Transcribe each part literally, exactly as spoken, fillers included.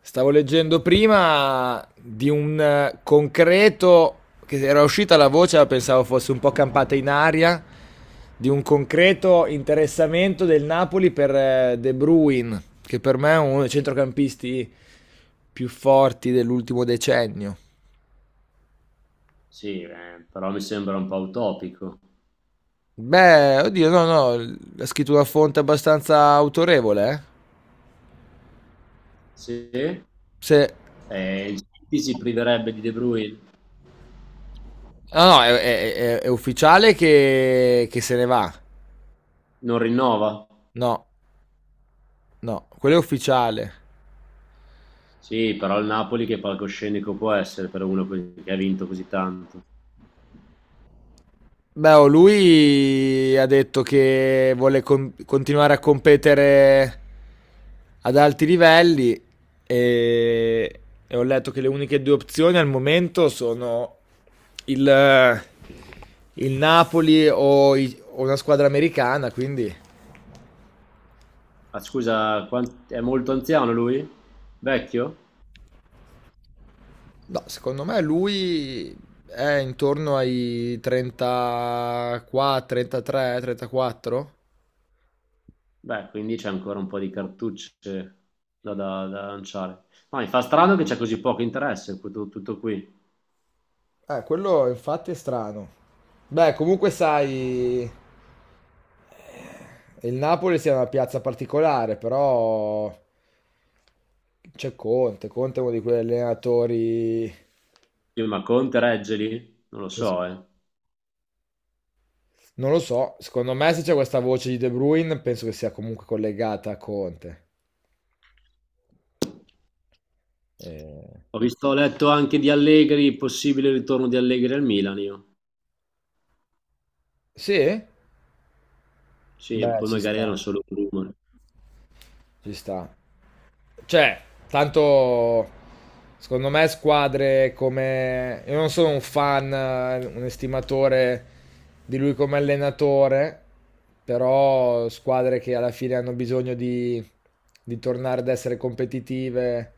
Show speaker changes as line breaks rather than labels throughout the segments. Stavo leggendo prima di un eh, concreto, che era uscita la voce, ma pensavo fosse un po' campata in aria, di un concreto interessamento del Napoli per eh, De Bruyne, che per me è uno dei centrocampisti più forti dell'ultimo decennio.
Sì, eh, però mi sembra un po' utopico.
Beh, oddio, no, no, ha scritto una fonte abbastanza autorevole, eh.
Sì,
Se...
eh, il City si priverebbe di De Bruyne,
No, no, è, è- è- è ufficiale che, che se ne va.
non rinnova?
No, no, quello è ufficiale.
Sì, però il Napoli che palcoscenico può essere per uno que- che ha vinto così tanto.
Beh, oh, lui ha detto che vuole con- continuare a competere ad alti livelli e, e ho letto che le uniche due opzioni al momento sono il, il Napoli o, i- o una squadra americana, quindi
Ah, scusa, quant- è molto anziano lui? Vecchio?
no, secondo me lui è intorno ai trentaquattro, trentatré, trentaquattro.
Beh, quindi c'è ancora un po' di cartucce da, da- da lanciare. Ma mi fa strano che c'è così poco interesse, tutto, tutto qui.
Eh, quello infatti è strano. Beh, comunque sai, eh, il Napoli sia una piazza particolare, però c'è Conte. Conte è uno di quegli allenatori
Io, ma Conte regge lì? Non lo
che s-
so, eh.
non lo so. Secondo me, se c'è questa voce di De Bruyne, penso che sia comunque collegata a Conte. Eh,
Ho visto, ho letto anche di Allegri, possibile ritorno di Allegri al Milan io.
Sì?
Sì,
Beh,
poi
ci
magari
sta.
era solo un rumore.
Ci sta. Cioè, tanto secondo me squadre come... Io non sono un fan, eh, un estimatore di lui come allenatore, però squadre che alla fine hanno bisogno di, di tornare ad essere competitive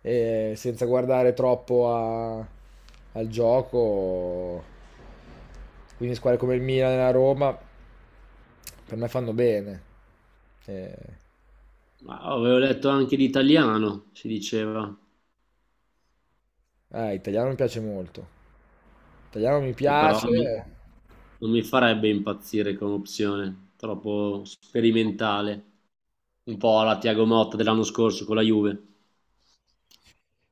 e senza guardare troppo a- al gioco, quindi squadre come il Milan e la Roma, per me fanno bene. Eh,
Ma avevo letto anche di italiano, si diceva,
Eh, italiano mi piace molto. Italiano mi
che però non mi
piace.
non mi farebbe impazzire come opzione, troppo sperimentale, un po' alla Tiago Motta dell'anno scorso con la Juve.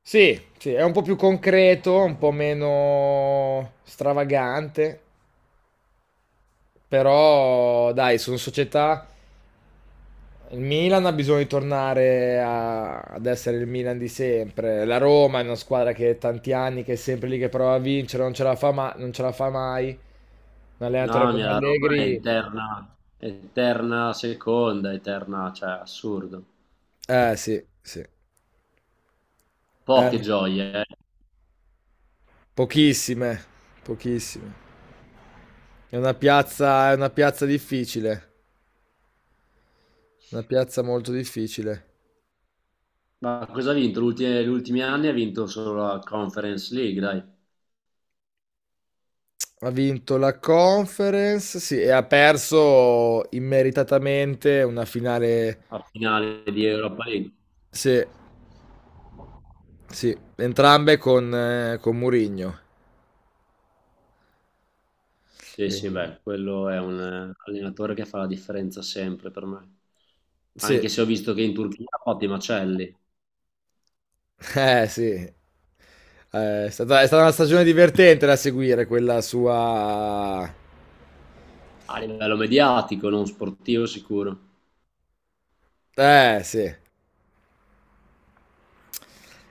Sì, sì, è un po' più concreto, un po' meno stravagante, però dai, sono società. Il Milan ha bisogno di tornare a- ad essere il Milan di sempre. La Roma è una squadra che è tanti anni, che è sempre lì che prova a vincere, non ce la fa, ma- non ce la fa mai. Un
No,
allenatore
mia,
come
la roba è
Allegri.
eterna, eterna seconda, eterna, cioè assurdo.
Eh sì, sì.
Poche
Eh,
gioie, eh.
pochissime, pochissime. È una piazza, è una piazza difficile, una piazza molto difficile.
Ma cosa ha vinto? L'ulti- Gli ultimi anni ha vinto solo la Conference League, dai,
Ha vinto la Conference, sì, e ha perso immeritatamente una finale,
a finale di Europa League.
sì, sì, entrambe con, eh, con Mourinho.
Sì, sì,
Sì.
beh, quello è un eh, allenatore che fa la differenza sempre per me.
Sì,
Anche se ho visto che in Turchia ha fatto i macelli,
eh sì, eh, è stata, è stata una stagione divertente da seguire quella sua...
a livello mediatico, non sportivo sicuro,
Eh sì.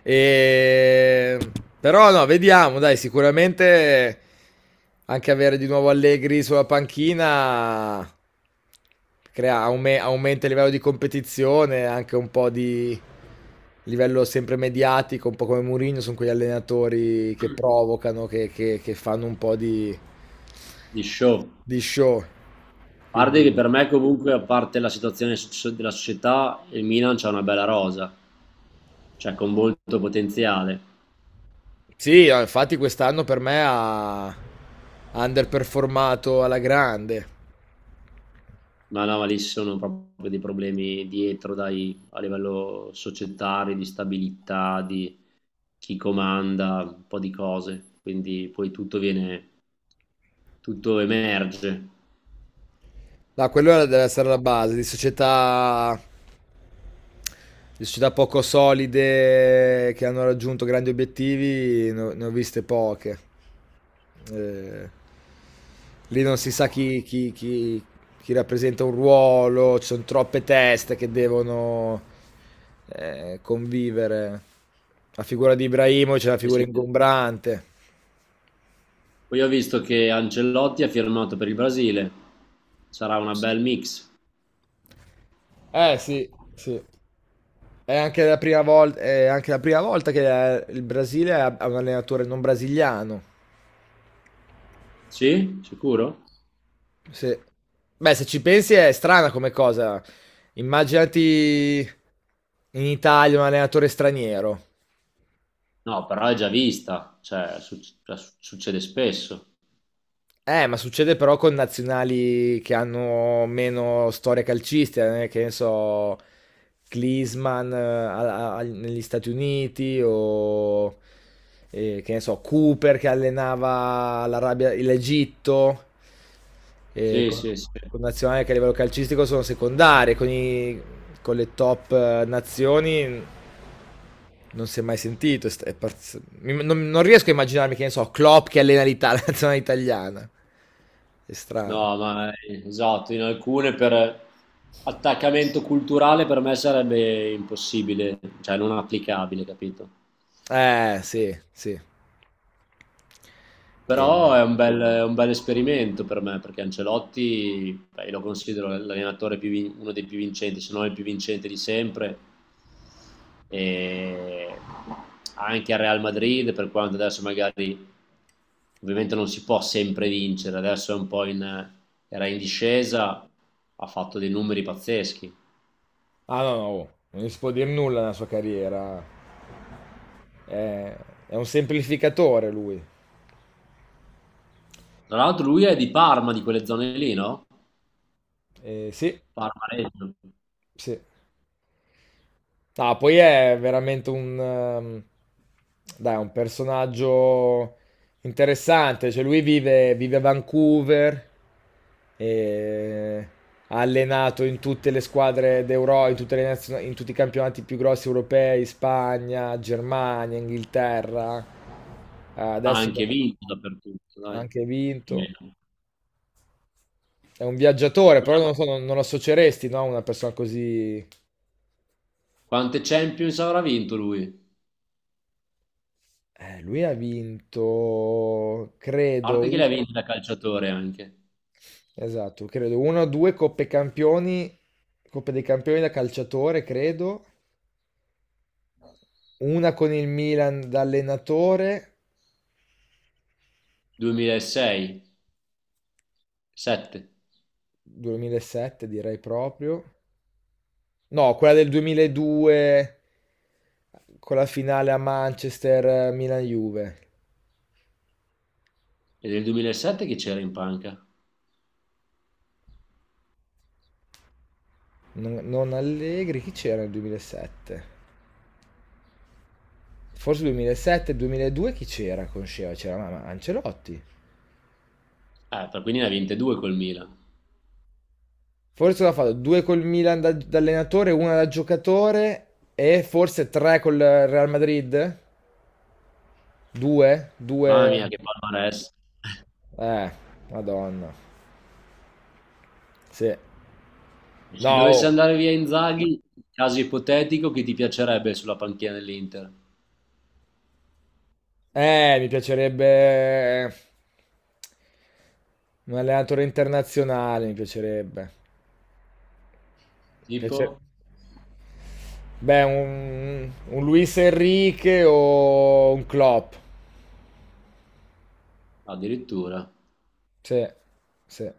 E... Però no, vediamo, dai, sicuramente anche avere di nuovo Allegri sulla panchina crea- aume- aumenta il livello di competizione, anche un po' di livello sempre mediatico, un po' come Mourinho, sono quegli allenatori che provocano, che, che- che fanno un po' di,
di show.
di show.
A parte
Quindi,
che per me comunque, a parte la situazione so- della società, il Milan c'ha una bella rosa, cioè con molto potenziale.
sì, no, infatti quest'anno per me ha ha underperformato alla grande.
No, no, ma lì ci sono proprio dei problemi dietro, dai, a livello societario, di stabilità, di chi comanda, un po' di cose. Quindi poi tutto viene, tutto emerge.
No, quello era- deve essere la base di società, di società poco solide che hanno raggiunto grandi obiettivi, ne ho, ne ho viste poche. Eh, lì non si sa chi, chi- chi- chi rappresenta un ruolo, ci sono troppe teste che devono eh, convivere. La figura di Ibrahimovic è una
E
figura
se-
ingombrante.
Poi ho visto che Ancelotti ha firmato per il Brasile. Sarà una bel mix.
Eh sì, sì. È anche la prima volta, è anche la prima volta che eh, il Brasile ha ha un allenatore non brasiliano.
Sì? Sicuro?
Se... Beh, se ci pensi è strana come cosa. Immaginati in Italia un allenatore straniero.
No, però è già vista, cioè, suc- cioè, succede spesso.
Eh, ma succede però con nazionali che hanno meno storia calcistica, eh, che ne so, Klinsmann eh, a- a- negli Stati Uniti o eh, che ne so, Cooper che allenava l'Arabia, l'Egitto, eh,
Sì,
con,
sì, sì.
con nazionali che a livello calcistico sono secondarie, con, i- con le top eh, nazioni non si è mai sentito. È st- è parz- mi- non, non riesco a immaginarmi che ne so, Klopp che allena l'Italia, la nazionale italiana. È strano.
No, ma eh, esatto, in alcune per attaccamento culturale per me sarebbe impossibile, cioè non applicabile, capito?
Eh, sì, sì. E...
Però è un bel, è un bel esperimento per me, perché Ancelotti, beh, io lo considero l'allenatore più vin- uno dei più vincenti, se non il più vincente di sempre. E anche a Real Madrid, per quanto adesso magari ovviamente non si può sempre vincere, adesso è un po' in, era in discesa, ha fatto dei numeri pazzeschi.
Ah, no, no, oh, non gli si può dire nulla nella sua carriera. È, è un semplificatore lui.
Tra l'altro lui è di Parma, di quelle zone lì, no?
Eh, sì,
Parma Reggio.
sì. No, poi è veramente un, ehm, dai, un personaggio interessante. Cioè, lui vive, vive a Vancouver e ha allenato in tutte le squadre d'Euro, in tutte le nazio- in tutti i campionati più grossi europei, Spagna, Germania, Inghilterra. Ah,
Ha
adesso
anche vinto dappertutto,
ha
dai.
anche
Più o
vinto.
meno.
È un viaggiatore, però non lo so, non, non lo associeresti, no, a una persona così.
Quante Champions avrà vinto lui? A
Eh, lui ha vinto, credo,
parte che le
u-
ha vinte da calciatore anche.
esatto, credo, una o due Coppe Campioni, Coppe dei Campioni da calciatore, credo, una con il Milan da allenatore,
duemilasei, duemilasette.
duemilasette direi proprio, no, quella del duemiladue con la finale a Manchester, eh, Milan-Juve,
E del duemilasette che c'era in panca?
non, non Allegri, chi c'era nel duemilasette? Forse duemilasette, duemiladue chi c'era con Sheva? C'era ma- ma Ancelotti.
Eh, per- quindi ne ha vinte due col Milan.
Forse l'ha fatto due col Milan da, da allenatore, una da giocatore e forse tre col Real Madrid? Due?
Mamma
Due?
mia, che palmarès.
Eh, madonna. Sì.
E
No,
Se dovesse
oh.
andare via Inzaghi, caso ipotetico, chi ti piacerebbe sulla panchina dell'Inter?
Eh, mi piacerebbe eh, un allenatore internazionale, mi piacerebbe. Piace-
Tipo?
Beh, un, un Luis Enrique o un Klopp.
Addirittura.
Sì, sì.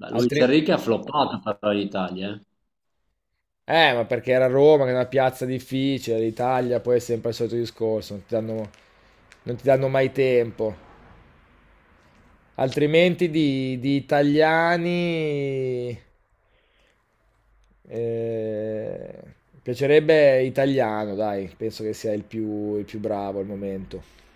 Ma Luis
Altri...
Enrique ha floppato per l'Italia, eh.
Eh, ma perché era Roma, che è una piazza difficile, l'Italia poi è sempre il solito discorso, non ti danno, non ti danno mai tempo. Altrimenti di, di italiani... eh, piacerebbe italiano, dai, penso che sia il più, il più bravo al momento.